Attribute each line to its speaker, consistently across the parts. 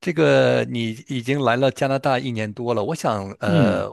Speaker 1: 这个你已经来了加拿大一年多了，我想
Speaker 2: 嗯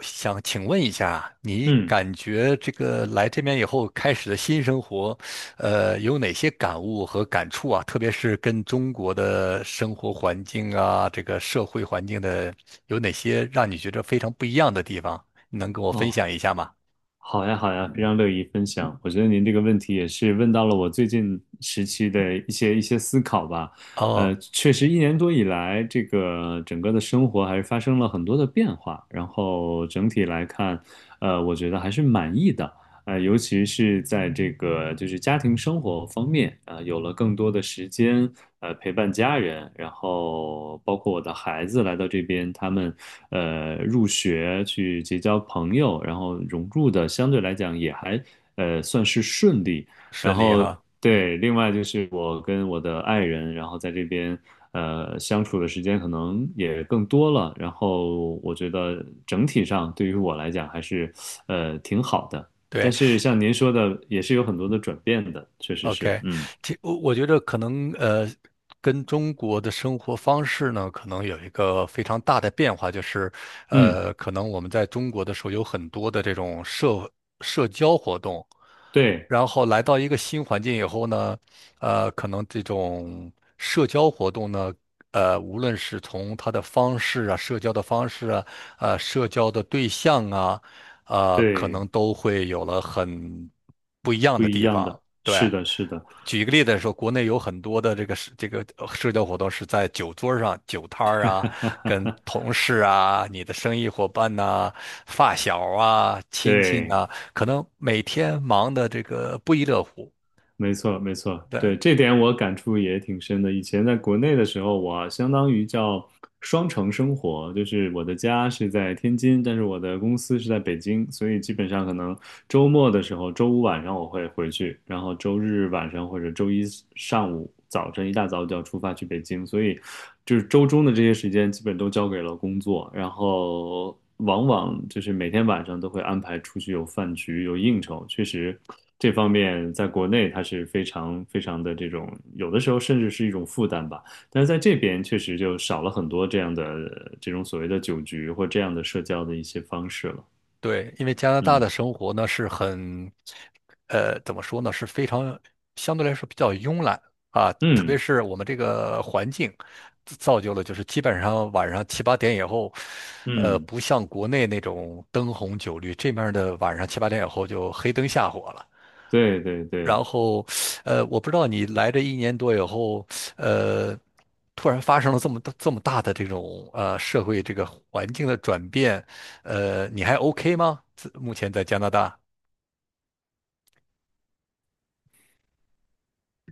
Speaker 1: 想想请问一下，你
Speaker 2: 嗯，
Speaker 1: 感觉这个来这边以后开始的新生活，有哪些感悟和感触啊？特别是跟中国的生活环境啊，这个社会环境的，有哪些让你觉得非常不一样的地方？能跟我分
Speaker 2: 哦，
Speaker 1: 享一下吗？
Speaker 2: 好呀好呀，非常乐意分享。我觉得您这个问题也是问到了我最近时期的一些思考吧。
Speaker 1: 哦，
Speaker 2: 确实一年多以来，这个整个的生活还是发生了很多的变化，然后整体来看，我觉得还是满意的。尤其是在这个就是家庭生活方面，啊、有了更多的时间，陪伴家人，然后包括我的孩子来到这边，他们入学去结交朋友，然后融入的相对来讲也还算是顺利。然
Speaker 1: 顺利
Speaker 2: 后
Speaker 1: 哈，嗯，
Speaker 2: 对，另外就是我跟我的爱人，然后在这边相处的时间可能也更多了，然后我觉得整体上对于我来讲还是挺好的。但
Speaker 1: 对。
Speaker 2: 是像您说的，也是有很多的转变的，确实是，
Speaker 1: OK，
Speaker 2: 嗯
Speaker 1: 这我觉得可能跟中国的生活方式呢，可能有一个非常大的变化，就是
Speaker 2: 嗯，
Speaker 1: 可能我们在中国的时候有很多的这种社交活动，
Speaker 2: 对
Speaker 1: 然后来到一个新环境以后呢，可能这种社交活动呢，无论是从它的方式啊，社交的方式啊，社交的对象啊，可
Speaker 2: 对，
Speaker 1: 能都会有了很不一样
Speaker 2: 不
Speaker 1: 的
Speaker 2: 一
Speaker 1: 地
Speaker 2: 样
Speaker 1: 方，
Speaker 2: 的，是
Speaker 1: 对。
Speaker 2: 的，是的，
Speaker 1: 举一个例子来说，国内有很多的这个社交活动是在酒桌上、酒摊儿啊，跟同事啊、你的生意伙伴呐、发小啊、亲戚
Speaker 2: 对。
Speaker 1: 呐、可能每天忙的这个不亦乐乎。
Speaker 2: 没错，没错，
Speaker 1: 对，
Speaker 2: 对，这点我感触也挺深的。以前在国内的时候，我相当于叫双城生活，就是我的家是在天津，但是我的公司是在北京，所以基本上可能周末的时候，周五晚上我会回去，然后周日晚上或者周一上午、早晨一大早就要出发去北京，所以就是周中的这些时间基本都交给了工作，然后往往就是每天晚上都会安排出去有饭局、有应酬，确实。这方面在国内它是非常非常的这种，有的时候甚至是一种负担吧。但是在这边确实就少了很多这样的这种所谓的酒局或这样的社交的一些方式了。
Speaker 1: 对，因为加拿大的
Speaker 2: 嗯
Speaker 1: 生活呢是很，怎么说呢，是非常相对来说比较慵懒啊，特别
Speaker 2: 嗯
Speaker 1: 是我们这个环境自造就了，就是基本上晚上七八点以后，
Speaker 2: 嗯，
Speaker 1: 不像国内那种灯红酒绿，这面儿的晚上七八点以后就黑灯瞎火了。
Speaker 2: 对对对，
Speaker 1: 然后，我不知道你来这一年多以后，呃，突然发生了这么大这么大的这种社会这个环境的转变，你还 OK 吗？自目前在加拿大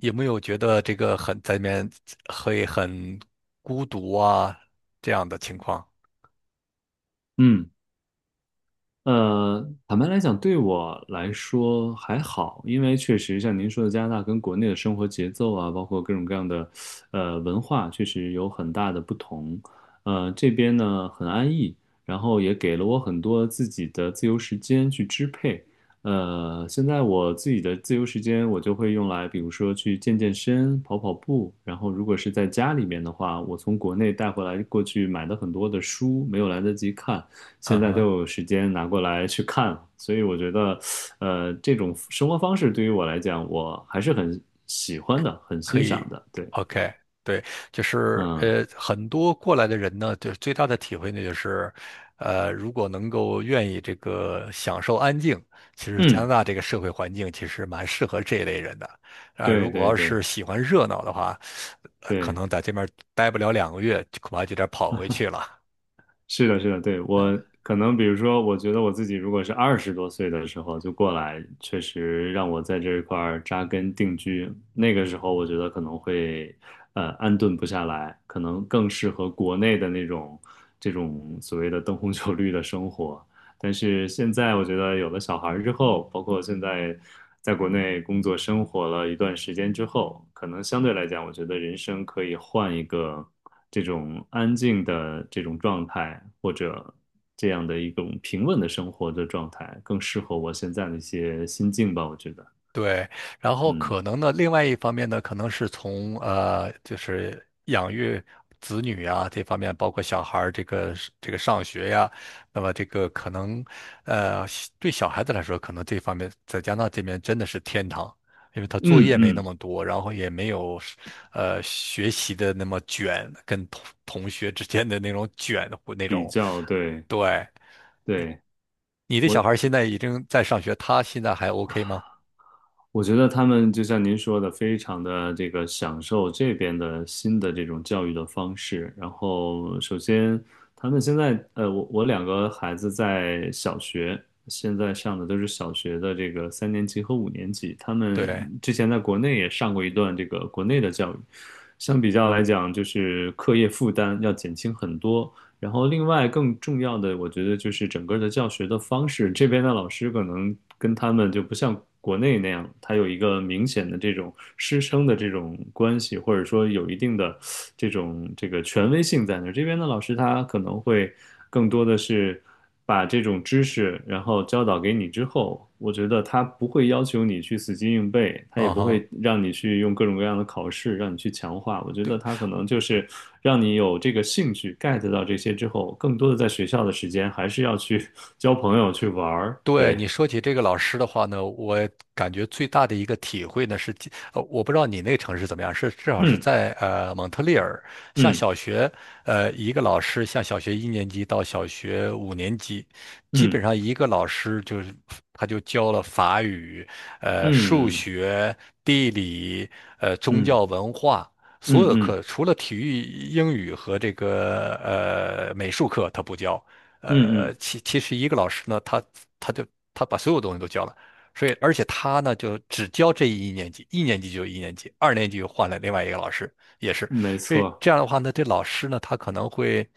Speaker 1: 有没有觉得这个很在里面会很孤独啊这样的情况？
Speaker 2: 嗯。坦白来讲，对我来说还好，因为确实像您说的，加拿大跟国内的生活节奏啊，包括各种各样的文化，确实有很大的不同。这边呢很安逸，然后也给了我很多自己的自由时间去支配。现在我自己的自由时间，我就会用来，比如说去健健身、跑跑步。然后，如果是在家里面的话，我从国内带回来过去买的很多的书，没有来得及看。
Speaker 1: 啊
Speaker 2: 现在都
Speaker 1: 哈。
Speaker 2: 有时间拿过来去看了所以我觉得，这种生活方式对于我来讲，我还是很喜欢的，很
Speaker 1: 可
Speaker 2: 欣赏
Speaker 1: 以
Speaker 2: 的。对，
Speaker 1: ，OK，对，就是
Speaker 2: 嗯
Speaker 1: 很多过来的人呢，就是最大的体会呢，就是，如果能够愿意这个享受安静，其实加拿
Speaker 2: 嗯，
Speaker 1: 大这个社会环境其实蛮适合这一类人的，啊、
Speaker 2: 对
Speaker 1: 如果
Speaker 2: 对
Speaker 1: 要是
Speaker 2: 对
Speaker 1: 喜欢热闹的话，可
Speaker 2: 对。
Speaker 1: 能在这边待不了两个月，就恐怕就得跑回去了。
Speaker 2: 是的，是的，对，我可能比如说，我觉得我自己如果是二十多岁的时候就过来，确实让我在这一块儿扎根定居。那个时候，我觉得可能会安顿不下来，可能更适合国内的那种这种所谓的灯红酒绿的生活。但是现在，我觉得有了小孩儿之后，包括现在在国内工作生活了一段时间之后，可能相对来讲，我觉得人生可以换一个。这种安静的这种状态，或者这样的一种平稳的生活的状态，更适合我现在的一些心境吧，我觉得，
Speaker 1: 对，然后
Speaker 2: 嗯
Speaker 1: 可能呢，另外一方面呢，可能是从就是养育子女啊这方面，包括小孩儿这个是这个上学呀，那么这个可能对小孩子来说，可能这方面在加拿大这边真的是天堂，因为他作
Speaker 2: 嗯
Speaker 1: 业没那
Speaker 2: 嗯，
Speaker 1: 么多，然后也没有是学习的那么卷，跟同学之间的那种卷或那
Speaker 2: 比
Speaker 1: 种。
Speaker 2: 较对
Speaker 1: 对，
Speaker 2: 对，
Speaker 1: 你的小
Speaker 2: 我
Speaker 1: 孩儿现在已经在上学，他现在还 OK 吗？
Speaker 2: 我觉得他们就像您说的，非常的这个享受这边的新的这种教育的方式。然后，首先他们现在，我两个孩子在小学，现在上的都是小学的这个三年级和五年级。他们
Speaker 1: 对，
Speaker 2: 之前在国内也上过一段这个国内的教育，相比较来讲，就是课业负担要减轻很多。然后另外更重要的，我觉得就是整个的教学的方式，这边的老师可能跟他们就不像国内那样，他有一个明显的这种师生的这种关系，或者说有一定的这种这个权威性在那儿。这边的老师他可能会更多的是。把这种知识然后教导给你之后，我觉得他不会要求你去死记硬背，他也
Speaker 1: 嗯
Speaker 2: 不
Speaker 1: 哼。
Speaker 2: 会让你去用各种各样的考试让你去强化。我觉得他可能就是让你有这个兴趣 get 到这些之后，更多的在学校的时间还是要去 交朋友去玩儿。
Speaker 1: 对
Speaker 2: 对，
Speaker 1: 你说起这个老师的话呢，我感觉最大的一个体会呢是，我不知道你那个城市怎么样，是至少是
Speaker 2: 嗯
Speaker 1: 在蒙特利尔，像
Speaker 2: 嗯
Speaker 1: 小学，一个老师像小学一年级到小学五年级，基本
Speaker 2: 嗯
Speaker 1: 上一个老师就是他就教了法语、数
Speaker 2: 嗯
Speaker 1: 学、地理、宗
Speaker 2: 嗯
Speaker 1: 教
Speaker 2: 嗯
Speaker 1: 文化。所有
Speaker 2: 嗯
Speaker 1: 的
Speaker 2: 嗯
Speaker 1: 课除了体育、英语和这个美术课，他不教，呃，
Speaker 2: 嗯，
Speaker 1: 其实一个老师呢，他就他把所有东西都教了，所以而且他呢就只教这一年级，一年级就一年级，二年级又换了另外一个老师，也是，
Speaker 2: 嗯没
Speaker 1: 所以
Speaker 2: 错。
Speaker 1: 这样的话呢，这老师呢他可能会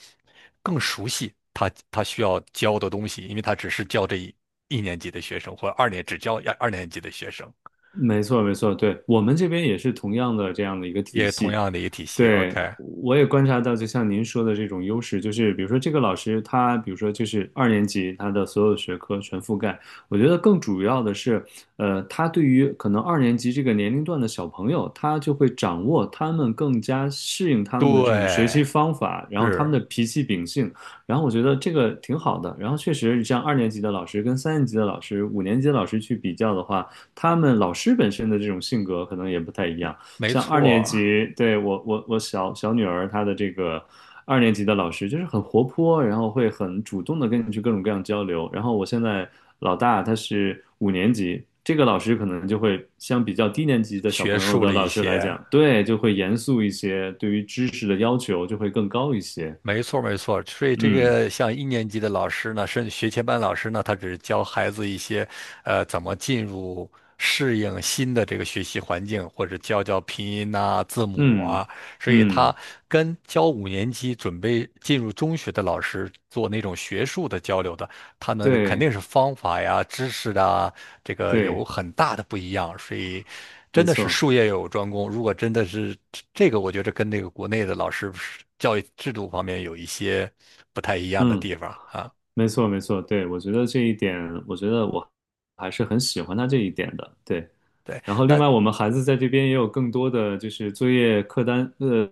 Speaker 1: 更熟悉他需要教的东西，因为他只是教这一年级的学生，或者只教二年级的学生，
Speaker 2: 没错，没错，对，我们这边也是同样的这样的一个体
Speaker 1: 也同
Speaker 2: 系。
Speaker 1: 样的一个体系。
Speaker 2: 对，
Speaker 1: OK，
Speaker 2: 我也观察到，就像您说的这种优势，就是比如说这个老师他，比如说就是二年级，他的所有学科全覆盖。我觉得更主要的是，他对于可能二年级这个年龄段的小朋友，他就会掌握他们更加适应他们的这种学
Speaker 1: 对，
Speaker 2: 习方法，然后他们的
Speaker 1: 是
Speaker 2: 脾气秉性，然后我觉得这个挺好的。然后确实，像二年级的老师跟三年级的老师、五年级的老师去比较的话，他们老师本身的这种性格可能也不太一样。
Speaker 1: 没
Speaker 2: 像二
Speaker 1: 错
Speaker 2: 年
Speaker 1: 儿
Speaker 2: 级，对，我小女儿她的这个二年级的老师就是很活泼，然后会很主动的跟你去各种各样交流。然后我现在老大他是五年级，这个老师可能就会相比较低年级的小
Speaker 1: 学
Speaker 2: 朋友
Speaker 1: 术
Speaker 2: 的
Speaker 1: 了一
Speaker 2: 老师来
Speaker 1: 些。
Speaker 2: 讲，对，就会严肃一些，对于知识的要求就会更高一些。
Speaker 1: 没错，没错。所以这
Speaker 2: 嗯
Speaker 1: 个像一年级的老师呢，甚至学前班老师呢，他只是教孩子一些，怎么进入适应新的这个学习环境，或者教教拼音呐、字母
Speaker 2: 嗯
Speaker 1: 啊。所以他
Speaker 2: 嗯，
Speaker 1: 跟教五年级准备进入中学的老师做那种学术的交流的，他们肯
Speaker 2: 对
Speaker 1: 定是方法呀、知识啊，这个有
Speaker 2: 对，
Speaker 1: 很大的不一样，所以真
Speaker 2: 没
Speaker 1: 的是
Speaker 2: 错，
Speaker 1: 术业有专攻。如果真的是这个，我觉得跟那个国内的老师教育制度方面有一些不太一样的
Speaker 2: 嗯。
Speaker 1: 地方啊。
Speaker 2: 没错，没错，对，我觉得这一点，我觉得我还是很喜欢他这一点的，对。
Speaker 1: 对，
Speaker 2: 然后，另
Speaker 1: 那
Speaker 2: 外我们孩子在这边也有更多的就是作业课单，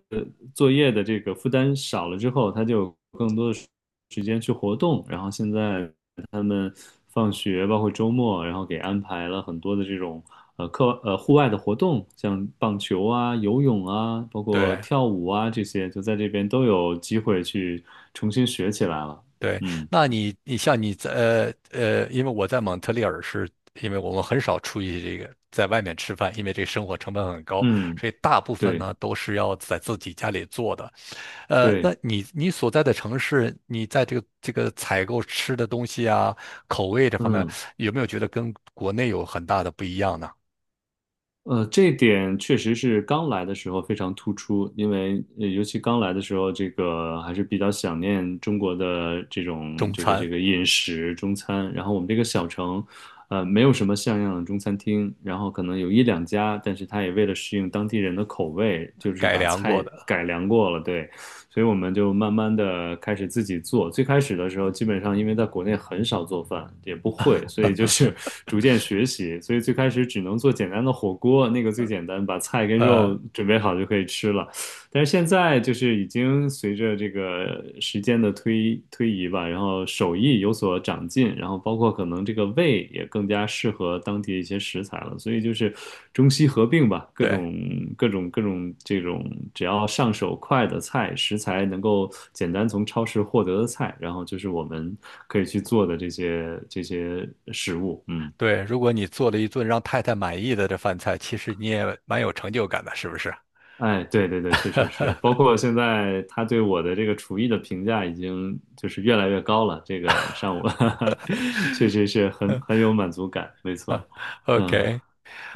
Speaker 2: 作业的这个负担少了之后，他就有更多的时间去活动。然后现在他们放学，包括周末，然后给安排了很多的这种呃课呃户外的活动，像棒球啊、游泳啊，包括
Speaker 1: 对
Speaker 2: 跳舞啊这些，就在这边都有机会去重新学起来了。
Speaker 1: 对，
Speaker 2: 嗯。
Speaker 1: 那你像你在因为我在蒙特利尔是，因为我们很少出去这个在外面吃饭，因为这个生活成本很高，
Speaker 2: 嗯，
Speaker 1: 所以大部分
Speaker 2: 对
Speaker 1: 呢都是要在自己家里做的。那
Speaker 2: 对，
Speaker 1: 你所在的城市，你在这个采购吃的东西啊，口味这方面，
Speaker 2: 嗯
Speaker 1: 有没有觉得跟国内有很大的不一样呢？
Speaker 2: 这点确实是刚来的时候非常突出，因为尤其刚来的时候，这个还是比较想念中国的这种
Speaker 1: 中
Speaker 2: 这个
Speaker 1: 餐
Speaker 2: 这个饮食中餐。然后我们这个小城，没有什么像样的中餐厅，然后可能有一两家，但是他也为了适应当地人的口味，就是
Speaker 1: 改
Speaker 2: 把
Speaker 1: 良过
Speaker 2: 菜
Speaker 1: 的，
Speaker 2: 改良过了，对。所以我们就慢慢的开始自己做。最开始的时候，基本上因为在国内很少做饭，也不会，所以就是 逐渐学习。所以最开始只能做简单的火锅，那个最简单，把菜跟
Speaker 1: 呃，
Speaker 2: 肉准备好就可以吃了。但是现在就是已经随着这个时间的推移吧，然后手艺有所长进，然后包括可能这个味也更加适合当地一些食材了，所以就是中西合并吧，各
Speaker 1: 对
Speaker 2: 种各种各种这种只要上手快的菜，食材能够简单从超市获得的菜，然后就是我们可以去做的这些食物，嗯。
Speaker 1: 对，如果你做了一顿让太太满意的这饭菜，其实你也蛮有成就感的，是不是
Speaker 2: 哎，对对对，确实是，包括现在他对我的这个厨艺的评价已经就是越来越高了，这个上午 确实是很有满足感，没错，嗯，
Speaker 1: ？OK，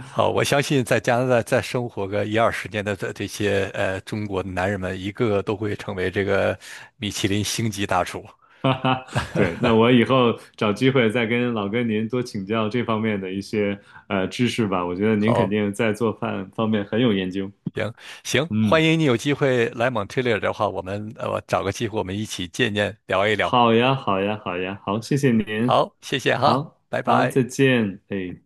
Speaker 1: 好，我相信在加拿大再生活个一二十年的这些中国的男人们，一个个都会成为这个米其林星级大厨。
Speaker 2: 哈哈，对，那我以后找机会再跟老哥您多请教这方面的一些知识吧，我觉得您肯
Speaker 1: 好。
Speaker 2: 定在做饭方面很有研究，
Speaker 1: 行行，
Speaker 2: 嗯，
Speaker 1: 欢迎你有机会来蒙特利尔的话，我们找个机会我们一起见见聊一聊。
Speaker 2: 好呀，好呀，好呀，好，谢谢您，
Speaker 1: 好，谢谢哈，
Speaker 2: 好
Speaker 1: 拜
Speaker 2: 好，
Speaker 1: 拜。
Speaker 2: 再见，哎。